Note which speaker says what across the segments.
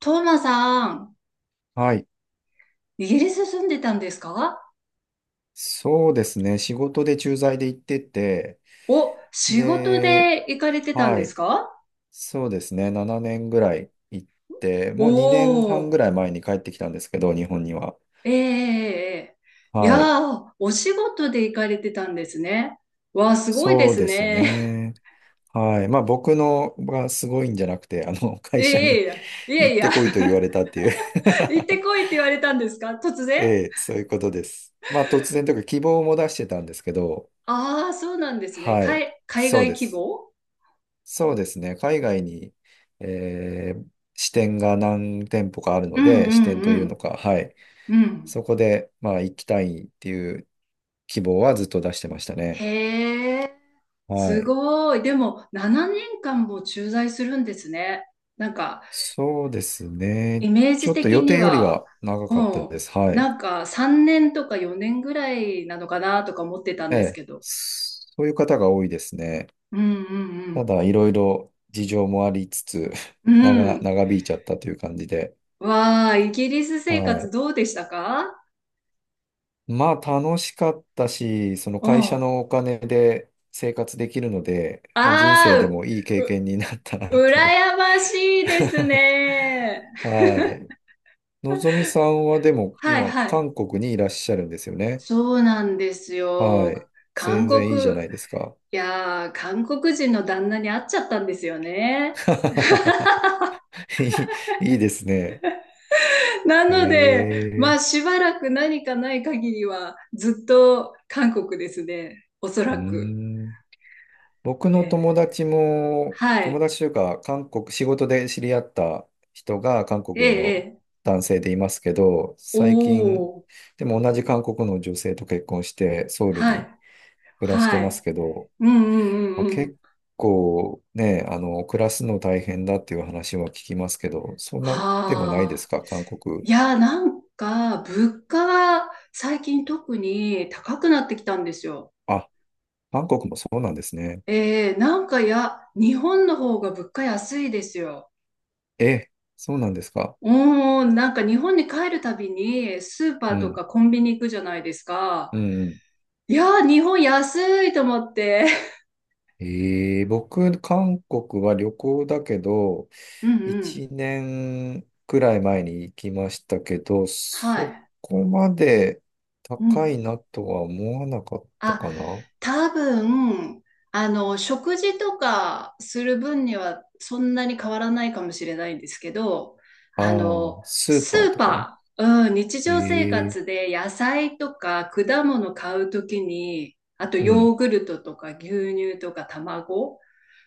Speaker 1: トーマさん、
Speaker 2: はい。
Speaker 1: イギリス住んでたんですか？
Speaker 2: そうですね。仕事で駐在で行ってて、
Speaker 1: お、仕事
Speaker 2: で、
Speaker 1: で行かれてたん
Speaker 2: は
Speaker 1: で
Speaker 2: い。
Speaker 1: すか？
Speaker 2: そうですね。7年ぐらい行って、もう2年半
Speaker 1: お
Speaker 2: ぐ
Speaker 1: ー、
Speaker 2: らい前に帰ってきたんですけど、日本には。
Speaker 1: ええええ、いや
Speaker 2: はい。
Speaker 1: ー、お仕事で行かれてたんですね。わあ、すごいで
Speaker 2: そう
Speaker 1: す
Speaker 2: です
Speaker 1: ね。
Speaker 2: ね。はい。まあ僕のがすごいんじゃなくて、会社
Speaker 1: え
Speaker 2: に
Speaker 1: え、い や
Speaker 2: 行
Speaker 1: い
Speaker 2: っ
Speaker 1: や、いや
Speaker 2: て
Speaker 1: い
Speaker 2: こいと言わ
Speaker 1: や、
Speaker 2: れたっていう
Speaker 1: 行ってこいって言われたんですか、突
Speaker 2: え
Speaker 1: 然？
Speaker 2: え、そういうことです。まあ突然というか希望も出してたんですけど、
Speaker 1: ああー、そうなんですね。
Speaker 2: はい。
Speaker 1: 海
Speaker 2: そう
Speaker 1: 外
Speaker 2: で
Speaker 1: 希
Speaker 2: す。
Speaker 1: 望、
Speaker 2: そうですね。海外に、えー支店が何店舗かある
Speaker 1: う
Speaker 2: の
Speaker 1: ん
Speaker 2: で、
Speaker 1: う
Speaker 2: 支
Speaker 1: ん
Speaker 2: 店と
Speaker 1: う
Speaker 2: いうの
Speaker 1: ん。
Speaker 2: か、はい。
Speaker 1: うん。
Speaker 2: そこで、まあ、行きたいっていう希望はずっと出してましたね。
Speaker 1: へえ、
Speaker 2: は
Speaker 1: す
Speaker 2: い。
Speaker 1: ごい。でも、7年間も駐在するんですね。なんか、
Speaker 2: そうですね。
Speaker 1: イメー
Speaker 2: ち
Speaker 1: ジ
Speaker 2: ょっと
Speaker 1: 的
Speaker 2: 予
Speaker 1: に
Speaker 2: 定より
Speaker 1: は、
Speaker 2: は長かったで
Speaker 1: も
Speaker 2: す。は
Speaker 1: う、
Speaker 2: い。
Speaker 1: なんか3年とか4年ぐらいなのかなとか思ってたん
Speaker 2: え
Speaker 1: です
Speaker 2: え。
Speaker 1: けど。
Speaker 2: そういう方が多いですね。
Speaker 1: うんう
Speaker 2: た
Speaker 1: ん
Speaker 2: だ、いろいろ事情もありつつ、
Speaker 1: う ん。う
Speaker 2: 長、
Speaker 1: ん。
Speaker 2: 長引いちゃったという感じで。
Speaker 1: わあ、イギリス生
Speaker 2: は
Speaker 1: 活
Speaker 2: い。
Speaker 1: どうでしたか？
Speaker 2: まあ楽しかったし、その
Speaker 1: うん。
Speaker 2: 会社
Speaker 1: あ
Speaker 2: のお金で生活できるので、まあ人
Speaker 1: あ、
Speaker 2: 生でもいい経験になったな
Speaker 1: う、
Speaker 2: という。
Speaker 1: 羨ましいです ね。
Speaker 2: はい。のぞみさんはでも
Speaker 1: はい
Speaker 2: 今
Speaker 1: はい。
Speaker 2: 韓国にいらっしゃるんですよね。
Speaker 1: そうなんです
Speaker 2: はい。
Speaker 1: よ。韓
Speaker 2: 全然いいじゃ
Speaker 1: 国、
Speaker 2: ないですか。
Speaker 1: いやー、韓国人の旦那に会っちゃったんですよね。
Speaker 2: いいいですね。
Speaker 1: な
Speaker 2: へ
Speaker 1: ので、まあ
Speaker 2: え。
Speaker 1: しばらく何かない限りはずっと韓国ですね。おそ
Speaker 2: うー
Speaker 1: らく。
Speaker 2: ん。僕の
Speaker 1: ね、
Speaker 2: 友達も、
Speaker 1: は
Speaker 2: 友
Speaker 1: い。
Speaker 2: 達というか、韓国、仕事で知り合った人が韓
Speaker 1: え
Speaker 2: 国
Speaker 1: え、え
Speaker 2: の
Speaker 1: え。
Speaker 2: 男性でいますけど、
Speaker 1: お
Speaker 2: 最近、
Speaker 1: お。
Speaker 2: でも同じ韓国の女性と結婚して、ソウル
Speaker 1: は
Speaker 2: に
Speaker 1: い。
Speaker 2: 暮らし
Speaker 1: は
Speaker 2: てます
Speaker 1: い。
Speaker 2: けど、
Speaker 1: うんうん
Speaker 2: ま
Speaker 1: う
Speaker 2: あ、
Speaker 1: んうん。
Speaker 2: 結構ね、暮らすの大変だっていう話は聞きますけど、そんなでもないです
Speaker 1: ああ。
Speaker 2: か、韓国。
Speaker 1: いや、なんか、物価は最近特に高くなってきたんですよ。
Speaker 2: あ、韓国もそうなんですね。
Speaker 1: ええ、なんかや、日本の方が物価安いですよ。
Speaker 2: え、そうなんですか。
Speaker 1: おーん、なんか日本に帰るたびにスーパ
Speaker 2: う
Speaker 1: ーと
Speaker 2: ん、
Speaker 1: かコンビニ行くじゃないですか。
Speaker 2: うん、うん。
Speaker 1: いやー、日本安いと思って。
Speaker 2: 僕、韓国は旅行だけど、
Speaker 1: うんうん。
Speaker 2: 一年くらい前に行きましたけど、
Speaker 1: は
Speaker 2: そ
Speaker 1: い。
Speaker 2: こまで
Speaker 1: う
Speaker 2: 高い
Speaker 1: ん。
Speaker 2: なとは思わなかった
Speaker 1: あ、
Speaker 2: かな。
Speaker 1: 多分、あの、食事とかする分にはそんなに変わらないかもしれないんですけど、
Speaker 2: あ
Speaker 1: あ
Speaker 2: あ、
Speaker 1: の、
Speaker 2: スー
Speaker 1: ス
Speaker 2: パー
Speaker 1: ー
Speaker 2: とか。
Speaker 1: パー、うん、日常生
Speaker 2: ええ、
Speaker 1: 活で野菜とか果物買うときに、あと
Speaker 2: うん。
Speaker 1: ヨーグルトとか牛乳とか卵、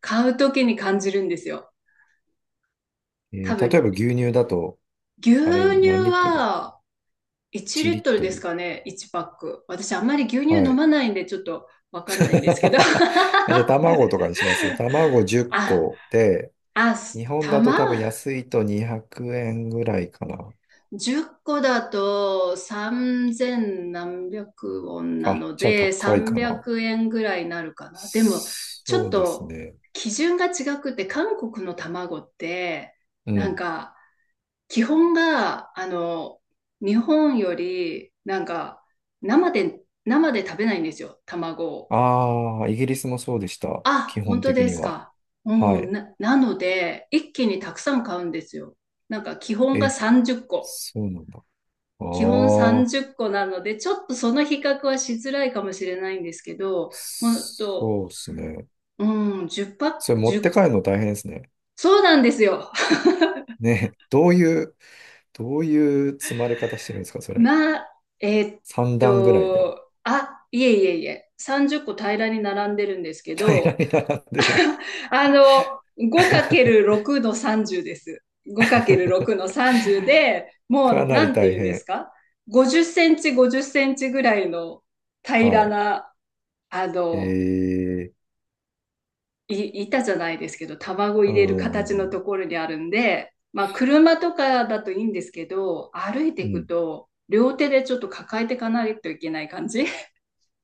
Speaker 1: 買うときに感じるんですよ。
Speaker 2: ええ、
Speaker 1: 多
Speaker 2: 例えば
Speaker 1: 分、
Speaker 2: 牛乳だと、
Speaker 1: 牛
Speaker 2: あれ何
Speaker 1: 乳
Speaker 2: リットル
Speaker 1: は1リットルで
Speaker 2: ?1 リット
Speaker 1: す
Speaker 2: ル。
Speaker 1: かね、1パック。私あんまり牛乳
Speaker 2: は
Speaker 1: 飲
Speaker 2: い。
Speaker 1: まないんでちょっとわかんないん ですけど。
Speaker 2: じゃあ卵とかにします。卵10
Speaker 1: あ、
Speaker 2: 個で、
Speaker 1: あ、
Speaker 2: 日
Speaker 1: す
Speaker 2: 本だと多分
Speaker 1: 玉
Speaker 2: 安いと200円ぐらいかな。
Speaker 1: 10個だと3千何百ウォンな
Speaker 2: あ、
Speaker 1: の
Speaker 2: じゃあ
Speaker 1: で
Speaker 2: 高いか
Speaker 1: 300
Speaker 2: な。
Speaker 1: 円ぐらいになるかな。でも、ちょ
Speaker 2: そ
Speaker 1: っ
Speaker 2: うです
Speaker 1: と
Speaker 2: ね。
Speaker 1: 基準が違くて、韓国の卵って
Speaker 2: う
Speaker 1: なん
Speaker 2: ん。
Speaker 1: か基本が、あの、日本より、なんか、生で、生で食べないんですよ、卵を。
Speaker 2: ああ、イギリスもそうでした。基
Speaker 1: あ、本
Speaker 2: 本
Speaker 1: 当
Speaker 2: 的
Speaker 1: で
Speaker 2: に
Speaker 1: す
Speaker 2: は。
Speaker 1: か。
Speaker 2: は
Speaker 1: うん、
Speaker 2: い。
Speaker 1: なので、一気にたくさん買うんですよ。なんか、基本が
Speaker 2: え、
Speaker 1: 30個。
Speaker 2: そうなんだ。あ
Speaker 1: 基本
Speaker 2: あ、
Speaker 1: 30個なので、ちょっとその比較はしづらいかもしれないんですけど、ほんと、
Speaker 2: そうですね。
Speaker 1: うん、10パッ
Speaker 2: そ
Speaker 1: ク、
Speaker 2: れ持っ
Speaker 1: 1
Speaker 2: て帰るの大変ですね。
Speaker 1: そうなんですよ。
Speaker 2: ね、どういう積まれ方してるんですか、それ。
Speaker 1: まあ、えーっ
Speaker 2: 3段ぐらいでも
Speaker 1: あ、いえいえいえ、30個平らに並んでるんですけ
Speaker 2: 平ら
Speaker 1: ど、
Speaker 2: に並んでる。
Speaker 1: あの、5×6 の30です。5×6 の30で、
Speaker 2: か
Speaker 1: もう、
Speaker 2: な
Speaker 1: な
Speaker 2: り
Speaker 1: んて
Speaker 2: 大
Speaker 1: 言うんです
Speaker 2: 変。
Speaker 1: か？ 50 センチ、50センチぐらいの
Speaker 2: は
Speaker 1: 平ら
Speaker 2: い。
Speaker 1: な、あ
Speaker 2: え
Speaker 1: の、
Speaker 2: ー、
Speaker 1: 板じゃないですけど、卵
Speaker 2: うー
Speaker 1: 入れる形の
Speaker 2: ん、
Speaker 1: ところにあるんで、まあ、車とかだといいんですけど、歩いて
Speaker 2: う
Speaker 1: いく
Speaker 2: ん。
Speaker 1: と、両手でちょっと抱えていかないといけない感じ。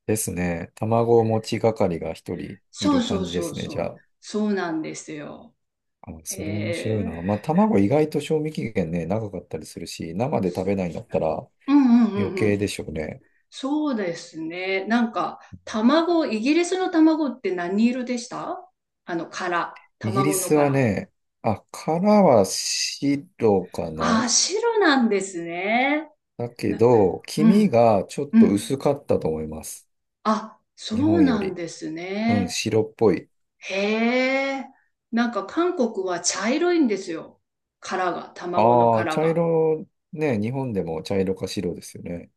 Speaker 2: ですね。卵持ち係が一人い
Speaker 1: そう
Speaker 2: る
Speaker 1: そ
Speaker 2: 感
Speaker 1: う
Speaker 2: じで
Speaker 1: そ
Speaker 2: す
Speaker 1: う
Speaker 2: ね、じゃ
Speaker 1: そう。
Speaker 2: あ。
Speaker 1: そうなんですよ。
Speaker 2: あ、それ面
Speaker 1: え
Speaker 2: 白い
Speaker 1: ー
Speaker 2: な。まあ、卵意外と賞味期限ね、長かったりするし、生で食べないんだったら
Speaker 1: うんうん
Speaker 2: 余
Speaker 1: うんう
Speaker 2: 計
Speaker 1: ん。
Speaker 2: でしょうね。
Speaker 1: そうですね。なんか、卵、イギリスの卵って何色でした？あの、殻。
Speaker 2: イギリ
Speaker 1: 卵の
Speaker 2: スは
Speaker 1: 殻。
Speaker 2: ね、あ、殻は白か
Speaker 1: あ
Speaker 2: な。
Speaker 1: あ、白なんですね。
Speaker 2: だけ
Speaker 1: な、
Speaker 2: ど、黄
Speaker 1: う
Speaker 2: 身
Speaker 1: ん、
Speaker 2: がちょっ
Speaker 1: う
Speaker 2: と
Speaker 1: ん。
Speaker 2: 薄かったと思います。
Speaker 1: あ、そ
Speaker 2: 日
Speaker 1: う
Speaker 2: 本よ
Speaker 1: なん
Speaker 2: り。
Speaker 1: です
Speaker 2: うん、
Speaker 1: ね。
Speaker 2: 白っぽい。
Speaker 1: へえ。なんか韓国は茶色いんですよ。殻が、卵の
Speaker 2: ああ、
Speaker 1: 殻
Speaker 2: 茶
Speaker 1: が。
Speaker 2: 色、ね、日本でも茶色か白ですよね。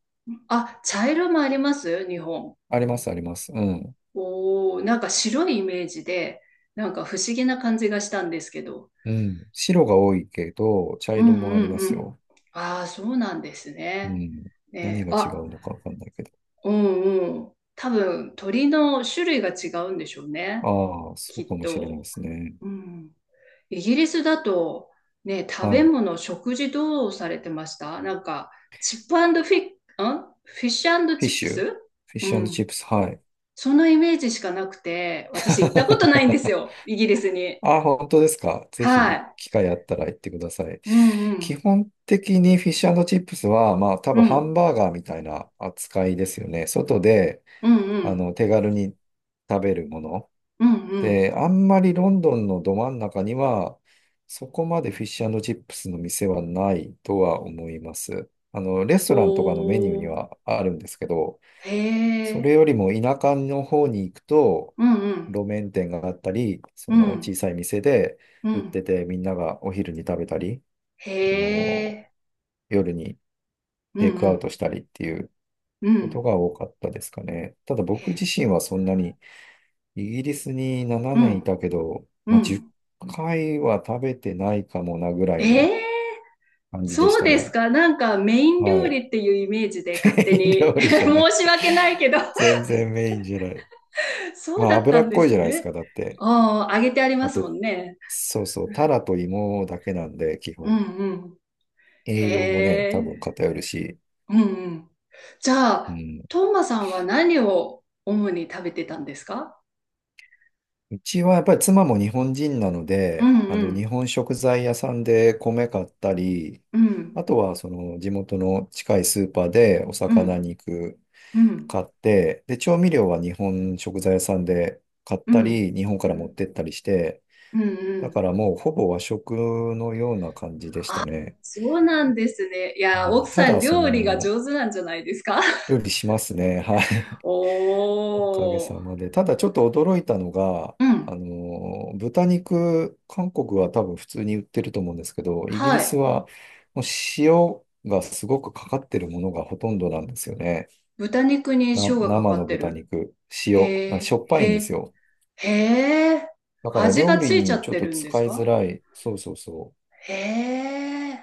Speaker 1: あ、茶色もあります、日本。
Speaker 2: あります、あります。うん。
Speaker 1: おお、なんか白いイメージで、なんか不思議な感じがしたんですけど。
Speaker 2: うん。白が多いけど、茶
Speaker 1: う
Speaker 2: 色
Speaker 1: んう
Speaker 2: もあり
Speaker 1: ん
Speaker 2: ま
Speaker 1: う
Speaker 2: す
Speaker 1: ん。
Speaker 2: よ。
Speaker 1: ああ、そうなんです
Speaker 2: う
Speaker 1: ね。
Speaker 2: ん。何
Speaker 1: ね、
Speaker 2: が違
Speaker 1: あ、
Speaker 2: うのかわかんないけど。
Speaker 1: うんうん。多分、鳥の種類が違うんでしょうね。
Speaker 2: ああ、そ
Speaker 1: き
Speaker 2: う
Speaker 1: っ
Speaker 2: かもしれないで
Speaker 1: と。
Speaker 2: すね。
Speaker 1: うん。イギリスだと、ね、食
Speaker 2: は
Speaker 1: べ
Speaker 2: い。
Speaker 1: 物、食事どうされてました？なんか、チップフィッ、んフィッシュ
Speaker 2: フィ
Speaker 1: チ
Speaker 2: ッ
Speaker 1: ップ
Speaker 2: シュ。フ
Speaker 1: ス。
Speaker 2: ィッ
Speaker 1: う
Speaker 2: シュチ
Speaker 1: ん。
Speaker 2: ップス。はい。
Speaker 1: そのイメージしかなくて、私行ったことないんです よ、イギリスに。
Speaker 2: あ、本当ですか？ぜ
Speaker 1: は
Speaker 2: ひ、
Speaker 1: い。
Speaker 2: 機会あったら行ってください。
Speaker 1: うんう
Speaker 2: 基
Speaker 1: ん。
Speaker 2: 本的にフィッシュチップスは、まあ、多
Speaker 1: う
Speaker 2: 分ハ
Speaker 1: ん。
Speaker 2: ンバーガーみたいな扱いですよね。外で、
Speaker 1: うんうん。
Speaker 2: 手軽に食べるもの。
Speaker 1: うんうん。
Speaker 2: で、あんまりロンドンのど真ん中には、そこまでフィッシュチップスの店はないとは思います。レストランとかのメニューに
Speaker 1: おー。
Speaker 2: はあるんですけど、
Speaker 1: へ
Speaker 2: それ
Speaker 1: え。
Speaker 2: よりも田舎の方に行くと、
Speaker 1: うんうん。
Speaker 2: 路面店があったり、そ
Speaker 1: う
Speaker 2: の小
Speaker 1: ん。
Speaker 2: さい店で
Speaker 1: う
Speaker 2: 売っ
Speaker 1: ん。
Speaker 2: てて、みんながお昼に食べたり、
Speaker 1: へ
Speaker 2: あの、
Speaker 1: え。
Speaker 2: 夜に
Speaker 1: う
Speaker 2: テイクアウ
Speaker 1: ん
Speaker 2: トしたりっていう
Speaker 1: うん。う
Speaker 2: こと
Speaker 1: ん。
Speaker 2: が多かったですかね。ただ僕自身はそんなに、イギリスに7
Speaker 1: う
Speaker 2: 年い
Speaker 1: ん。
Speaker 2: たけど、
Speaker 1: う
Speaker 2: まあ、10
Speaker 1: ん。
Speaker 2: 回は食べてないかもなぐらい
Speaker 1: え
Speaker 2: の
Speaker 1: え。
Speaker 2: 感じでし
Speaker 1: そう
Speaker 2: た
Speaker 1: です
Speaker 2: ね。
Speaker 1: か。なんか、メイン料
Speaker 2: はい。
Speaker 1: 理っていうイメージで 勝手
Speaker 2: メイン
Speaker 1: に
Speaker 2: 料 理じゃな
Speaker 1: 申
Speaker 2: い。
Speaker 1: し訳ないけど、
Speaker 2: 全然メインじゃない。
Speaker 1: そう
Speaker 2: まあ、
Speaker 1: だった
Speaker 2: 脂
Speaker 1: ん
Speaker 2: っ
Speaker 1: で
Speaker 2: こいじゃ
Speaker 1: す
Speaker 2: ないです
Speaker 1: ね。
Speaker 2: か、だって。
Speaker 1: ああ、揚げてありま
Speaker 2: あ
Speaker 1: すも
Speaker 2: と、
Speaker 1: んね。
Speaker 2: そうそう、タラと芋だけなんで、基
Speaker 1: うん
Speaker 2: 本。
Speaker 1: うん。へ
Speaker 2: 栄養もね、多
Speaker 1: え。
Speaker 2: 分偏るし。
Speaker 1: うんうん。じゃ
Speaker 2: う
Speaker 1: あ、
Speaker 2: ん。
Speaker 1: トーマさんは何を主に食べてたんですか？
Speaker 2: うちはやっぱり妻も日本人なの
Speaker 1: う
Speaker 2: で、
Speaker 1: んうん
Speaker 2: 日本食材屋さんで米買ったり、
Speaker 1: うん
Speaker 2: あとはその地元の近いスーパーでお
Speaker 1: う
Speaker 2: 魚
Speaker 1: ん
Speaker 2: 肉
Speaker 1: うん
Speaker 2: 買って、で、調味料は日本食材屋さんで買っ
Speaker 1: うん
Speaker 2: た
Speaker 1: うん
Speaker 2: り、日本から持ってったりして、
Speaker 1: うんう
Speaker 2: だか
Speaker 1: ん、
Speaker 2: らもうほぼ和食のような感じでしたね。
Speaker 1: そうなんですね。いや、
Speaker 2: は
Speaker 1: 奥
Speaker 2: い、た
Speaker 1: さん
Speaker 2: だ、
Speaker 1: 料理が上手なんじゃないですか？
Speaker 2: 料理しますね。はい。おかげ
Speaker 1: お
Speaker 2: さ
Speaker 1: ー。
Speaker 2: まで。ただちょっと驚いたのが、
Speaker 1: うん。
Speaker 2: 豚肉、韓国は多分普通に売ってると思うんですけど、イギリ
Speaker 1: は
Speaker 2: ス
Speaker 1: い。
Speaker 2: はもう塩がすごくかかってるものがほとんどなんですよね。
Speaker 1: 豚肉に塩がか
Speaker 2: 生
Speaker 1: か
Speaker 2: の
Speaker 1: って
Speaker 2: 豚
Speaker 1: る。
Speaker 2: 肉、塩、
Speaker 1: へ
Speaker 2: あし
Speaker 1: え、
Speaker 2: ょっぱいん
Speaker 1: へ
Speaker 2: です
Speaker 1: え、
Speaker 2: よ。
Speaker 1: へえ。
Speaker 2: だから
Speaker 1: 味が
Speaker 2: 料理
Speaker 1: ついちゃ
Speaker 2: に
Speaker 1: っ
Speaker 2: ちょっ
Speaker 1: て
Speaker 2: と
Speaker 1: るんです
Speaker 2: 使いづ
Speaker 1: か？
Speaker 2: らい。そうそうそう。
Speaker 1: へえ、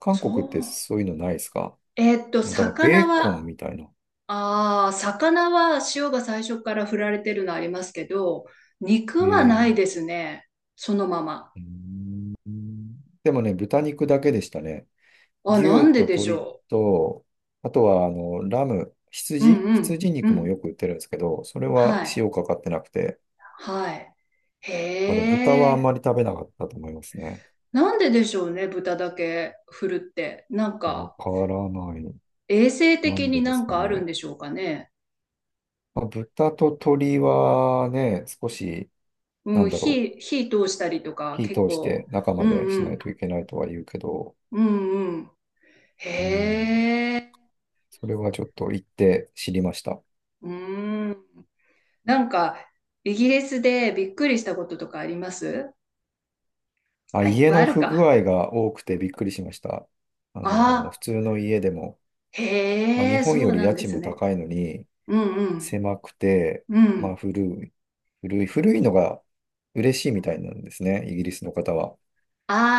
Speaker 2: 韓
Speaker 1: そ
Speaker 2: 国って
Speaker 1: う。
Speaker 2: そういうのないですか？だからベ
Speaker 1: 魚
Speaker 2: ーコ
Speaker 1: は、
Speaker 2: ンみたいな。
Speaker 1: ああ、魚は塩が最初から振られてるのありますけど、
Speaker 2: へ
Speaker 1: 肉はない
Speaker 2: え。
Speaker 1: ですね。そのまま。
Speaker 2: うーんでもね、豚肉だけでしたね。
Speaker 1: あ、な
Speaker 2: 牛
Speaker 1: ん
Speaker 2: と
Speaker 1: ででし
Speaker 2: 鶏
Speaker 1: ょ
Speaker 2: と、あとは、ラム、
Speaker 1: う。うん
Speaker 2: 羊
Speaker 1: うん、
Speaker 2: 羊
Speaker 1: う
Speaker 2: 肉もよ
Speaker 1: ん。
Speaker 2: く売ってるんですけど、それは
Speaker 1: はい、
Speaker 2: 塩かかってなくて、
Speaker 1: はい。
Speaker 2: だから豚
Speaker 1: へ
Speaker 2: はあん
Speaker 1: え、
Speaker 2: まり食べなかったと思いますね。
Speaker 1: なんででしょうね、豚だけ振るって。なん
Speaker 2: わ
Speaker 1: か、
Speaker 2: からない。
Speaker 1: 衛生
Speaker 2: な
Speaker 1: 的
Speaker 2: んで
Speaker 1: に
Speaker 2: で
Speaker 1: な
Speaker 2: す
Speaker 1: ん
Speaker 2: か
Speaker 1: かあるん
Speaker 2: ね。
Speaker 1: でしょうかね。
Speaker 2: まあ、豚と鶏はね、少し、な
Speaker 1: う
Speaker 2: ん
Speaker 1: ん、
Speaker 2: だろう、
Speaker 1: 火通したりとか、
Speaker 2: 火
Speaker 1: 結
Speaker 2: 通して
Speaker 1: 構、
Speaker 2: 中
Speaker 1: う
Speaker 2: ま
Speaker 1: ん
Speaker 2: でし
Speaker 1: う
Speaker 2: ない
Speaker 1: ん、
Speaker 2: といけないとは言うけど、
Speaker 1: うんうん。へ
Speaker 2: うん、
Speaker 1: え、
Speaker 2: それはちょっと行って知りました。
Speaker 1: うん。なんか、イギリスでびっくりしたこととかあります？
Speaker 2: あ、
Speaker 1: あ、いっ
Speaker 2: 家
Speaker 1: ぱいあ
Speaker 2: の
Speaker 1: る
Speaker 2: 不具
Speaker 1: か。
Speaker 2: 合が多くてびっくりしました。
Speaker 1: あ
Speaker 2: 普
Speaker 1: あ、
Speaker 2: 通の家でも、まあ、
Speaker 1: へ
Speaker 2: 日
Speaker 1: え、
Speaker 2: 本
Speaker 1: そ
Speaker 2: よ
Speaker 1: う
Speaker 2: り
Speaker 1: な
Speaker 2: 家
Speaker 1: んで
Speaker 2: 賃
Speaker 1: す
Speaker 2: も
Speaker 1: ね。
Speaker 2: 高いのに、
Speaker 1: うんうん。
Speaker 2: 狭くて、
Speaker 1: う
Speaker 2: まあ、
Speaker 1: ん。
Speaker 2: 古い、古い、古いのが嬉しいみたいなんですね、イギリスの方は。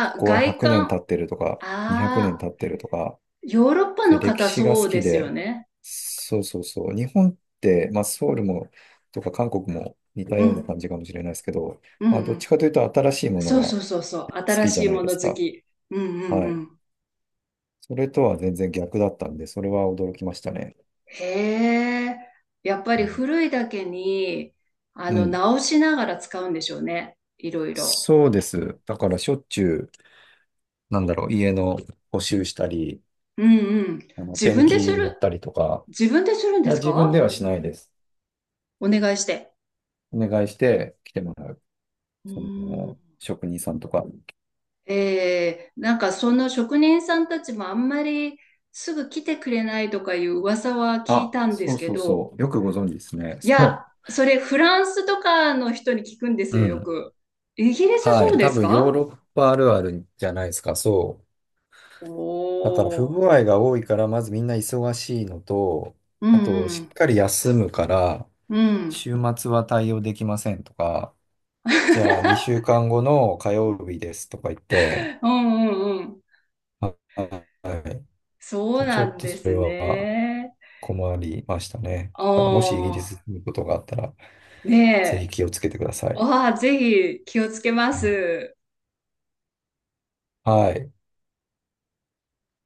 Speaker 2: こ
Speaker 1: あ、
Speaker 2: こは
Speaker 1: 外
Speaker 2: 100年
Speaker 1: 観。
Speaker 2: 経
Speaker 1: あ
Speaker 2: ってるとか、200年
Speaker 1: あ、
Speaker 2: 経ってるとか、
Speaker 1: ヨーロッパ
Speaker 2: そうい
Speaker 1: の
Speaker 2: う歴
Speaker 1: 方
Speaker 2: 史が
Speaker 1: そ
Speaker 2: 好
Speaker 1: うで
Speaker 2: き
Speaker 1: すよ
Speaker 2: で、
Speaker 1: ね。
Speaker 2: そうそうそう。日本って、まあ、ソウルも、とか韓国も似た
Speaker 1: う
Speaker 2: ような感
Speaker 1: ん。
Speaker 2: じかもしれないですけど、
Speaker 1: うん
Speaker 2: まあ、
Speaker 1: う
Speaker 2: どっち
Speaker 1: ん。
Speaker 2: かというと新しいもの
Speaker 1: そう
Speaker 2: が
Speaker 1: そ
Speaker 2: 好
Speaker 1: うそうそう。新
Speaker 2: きじゃ
Speaker 1: しい
Speaker 2: ない
Speaker 1: も
Speaker 2: で
Speaker 1: の
Speaker 2: す
Speaker 1: 好
Speaker 2: か。
Speaker 1: き。うんうん
Speaker 2: は
Speaker 1: う
Speaker 2: い。
Speaker 1: ん。
Speaker 2: それとは全然逆だったんで、それは驚きましたね。
Speaker 1: へえ。やっぱ
Speaker 2: う
Speaker 1: り
Speaker 2: ん。
Speaker 1: 古いだけに、あ
Speaker 2: う
Speaker 1: の、
Speaker 2: ん、
Speaker 1: 直しながら使うんでしょうね、いろいろ。
Speaker 2: そうです。だからしょっちゅう、なんだろう、家の補修したり、
Speaker 1: うんうん。自
Speaker 2: ペン
Speaker 1: 分です
Speaker 2: キ塗っ
Speaker 1: る。
Speaker 2: たりとか、
Speaker 1: 自分でするん
Speaker 2: い
Speaker 1: で
Speaker 2: や、
Speaker 1: す
Speaker 2: 自分では
Speaker 1: か？
Speaker 2: しないです。
Speaker 1: お願いして。
Speaker 2: お願いして来てもらう。
Speaker 1: う
Speaker 2: そ
Speaker 1: ー
Speaker 2: の、
Speaker 1: ん。
Speaker 2: 職人さんとか。
Speaker 1: なんか、その職人さんたちもあんまりすぐ来てくれないとかいう噂は聞い
Speaker 2: あ、
Speaker 1: たんで
Speaker 2: そ
Speaker 1: す
Speaker 2: う
Speaker 1: け
Speaker 2: そう
Speaker 1: ど、
Speaker 2: そう。よくご存知ですね。
Speaker 1: いや、
Speaker 2: そ
Speaker 1: それフランスとかの人に聞くんです
Speaker 2: う。う
Speaker 1: よ、よ
Speaker 2: ん。
Speaker 1: く。イギリス
Speaker 2: は
Speaker 1: そ
Speaker 2: い。
Speaker 1: うで
Speaker 2: 多
Speaker 1: す
Speaker 2: 分ヨー
Speaker 1: か？
Speaker 2: ロッパあるあるじゃないですか。そう。だから不
Speaker 1: お
Speaker 2: 具
Speaker 1: ー。
Speaker 2: 合が多いから、まずみんな忙しいのと、
Speaker 1: う
Speaker 2: あと、しっ
Speaker 1: ん
Speaker 2: かり休むから、
Speaker 1: うん。うん。
Speaker 2: 週末は対応できませんとか、じゃあ、2週間後の火曜日ですとか言って、
Speaker 1: うんうんうん。
Speaker 2: はは
Speaker 1: そう
Speaker 2: い。ち
Speaker 1: な
Speaker 2: ょっ
Speaker 1: ん
Speaker 2: と
Speaker 1: で
Speaker 2: それ
Speaker 1: す
Speaker 2: は
Speaker 1: ね。
Speaker 2: 困りましたね。
Speaker 1: あ
Speaker 2: だから、もしイギリス
Speaker 1: あ、
Speaker 2: に行くことがあったら、ぜ
Speaker 1: ね
Speaker 2: ひ
Speaker 1: え。
Speaker 2: 気をつけてください。
Speaker 1: ああ、ぜひ気をつけま
Speaker 2: うん、
Speaker 1: す。
Speaker 2: はい。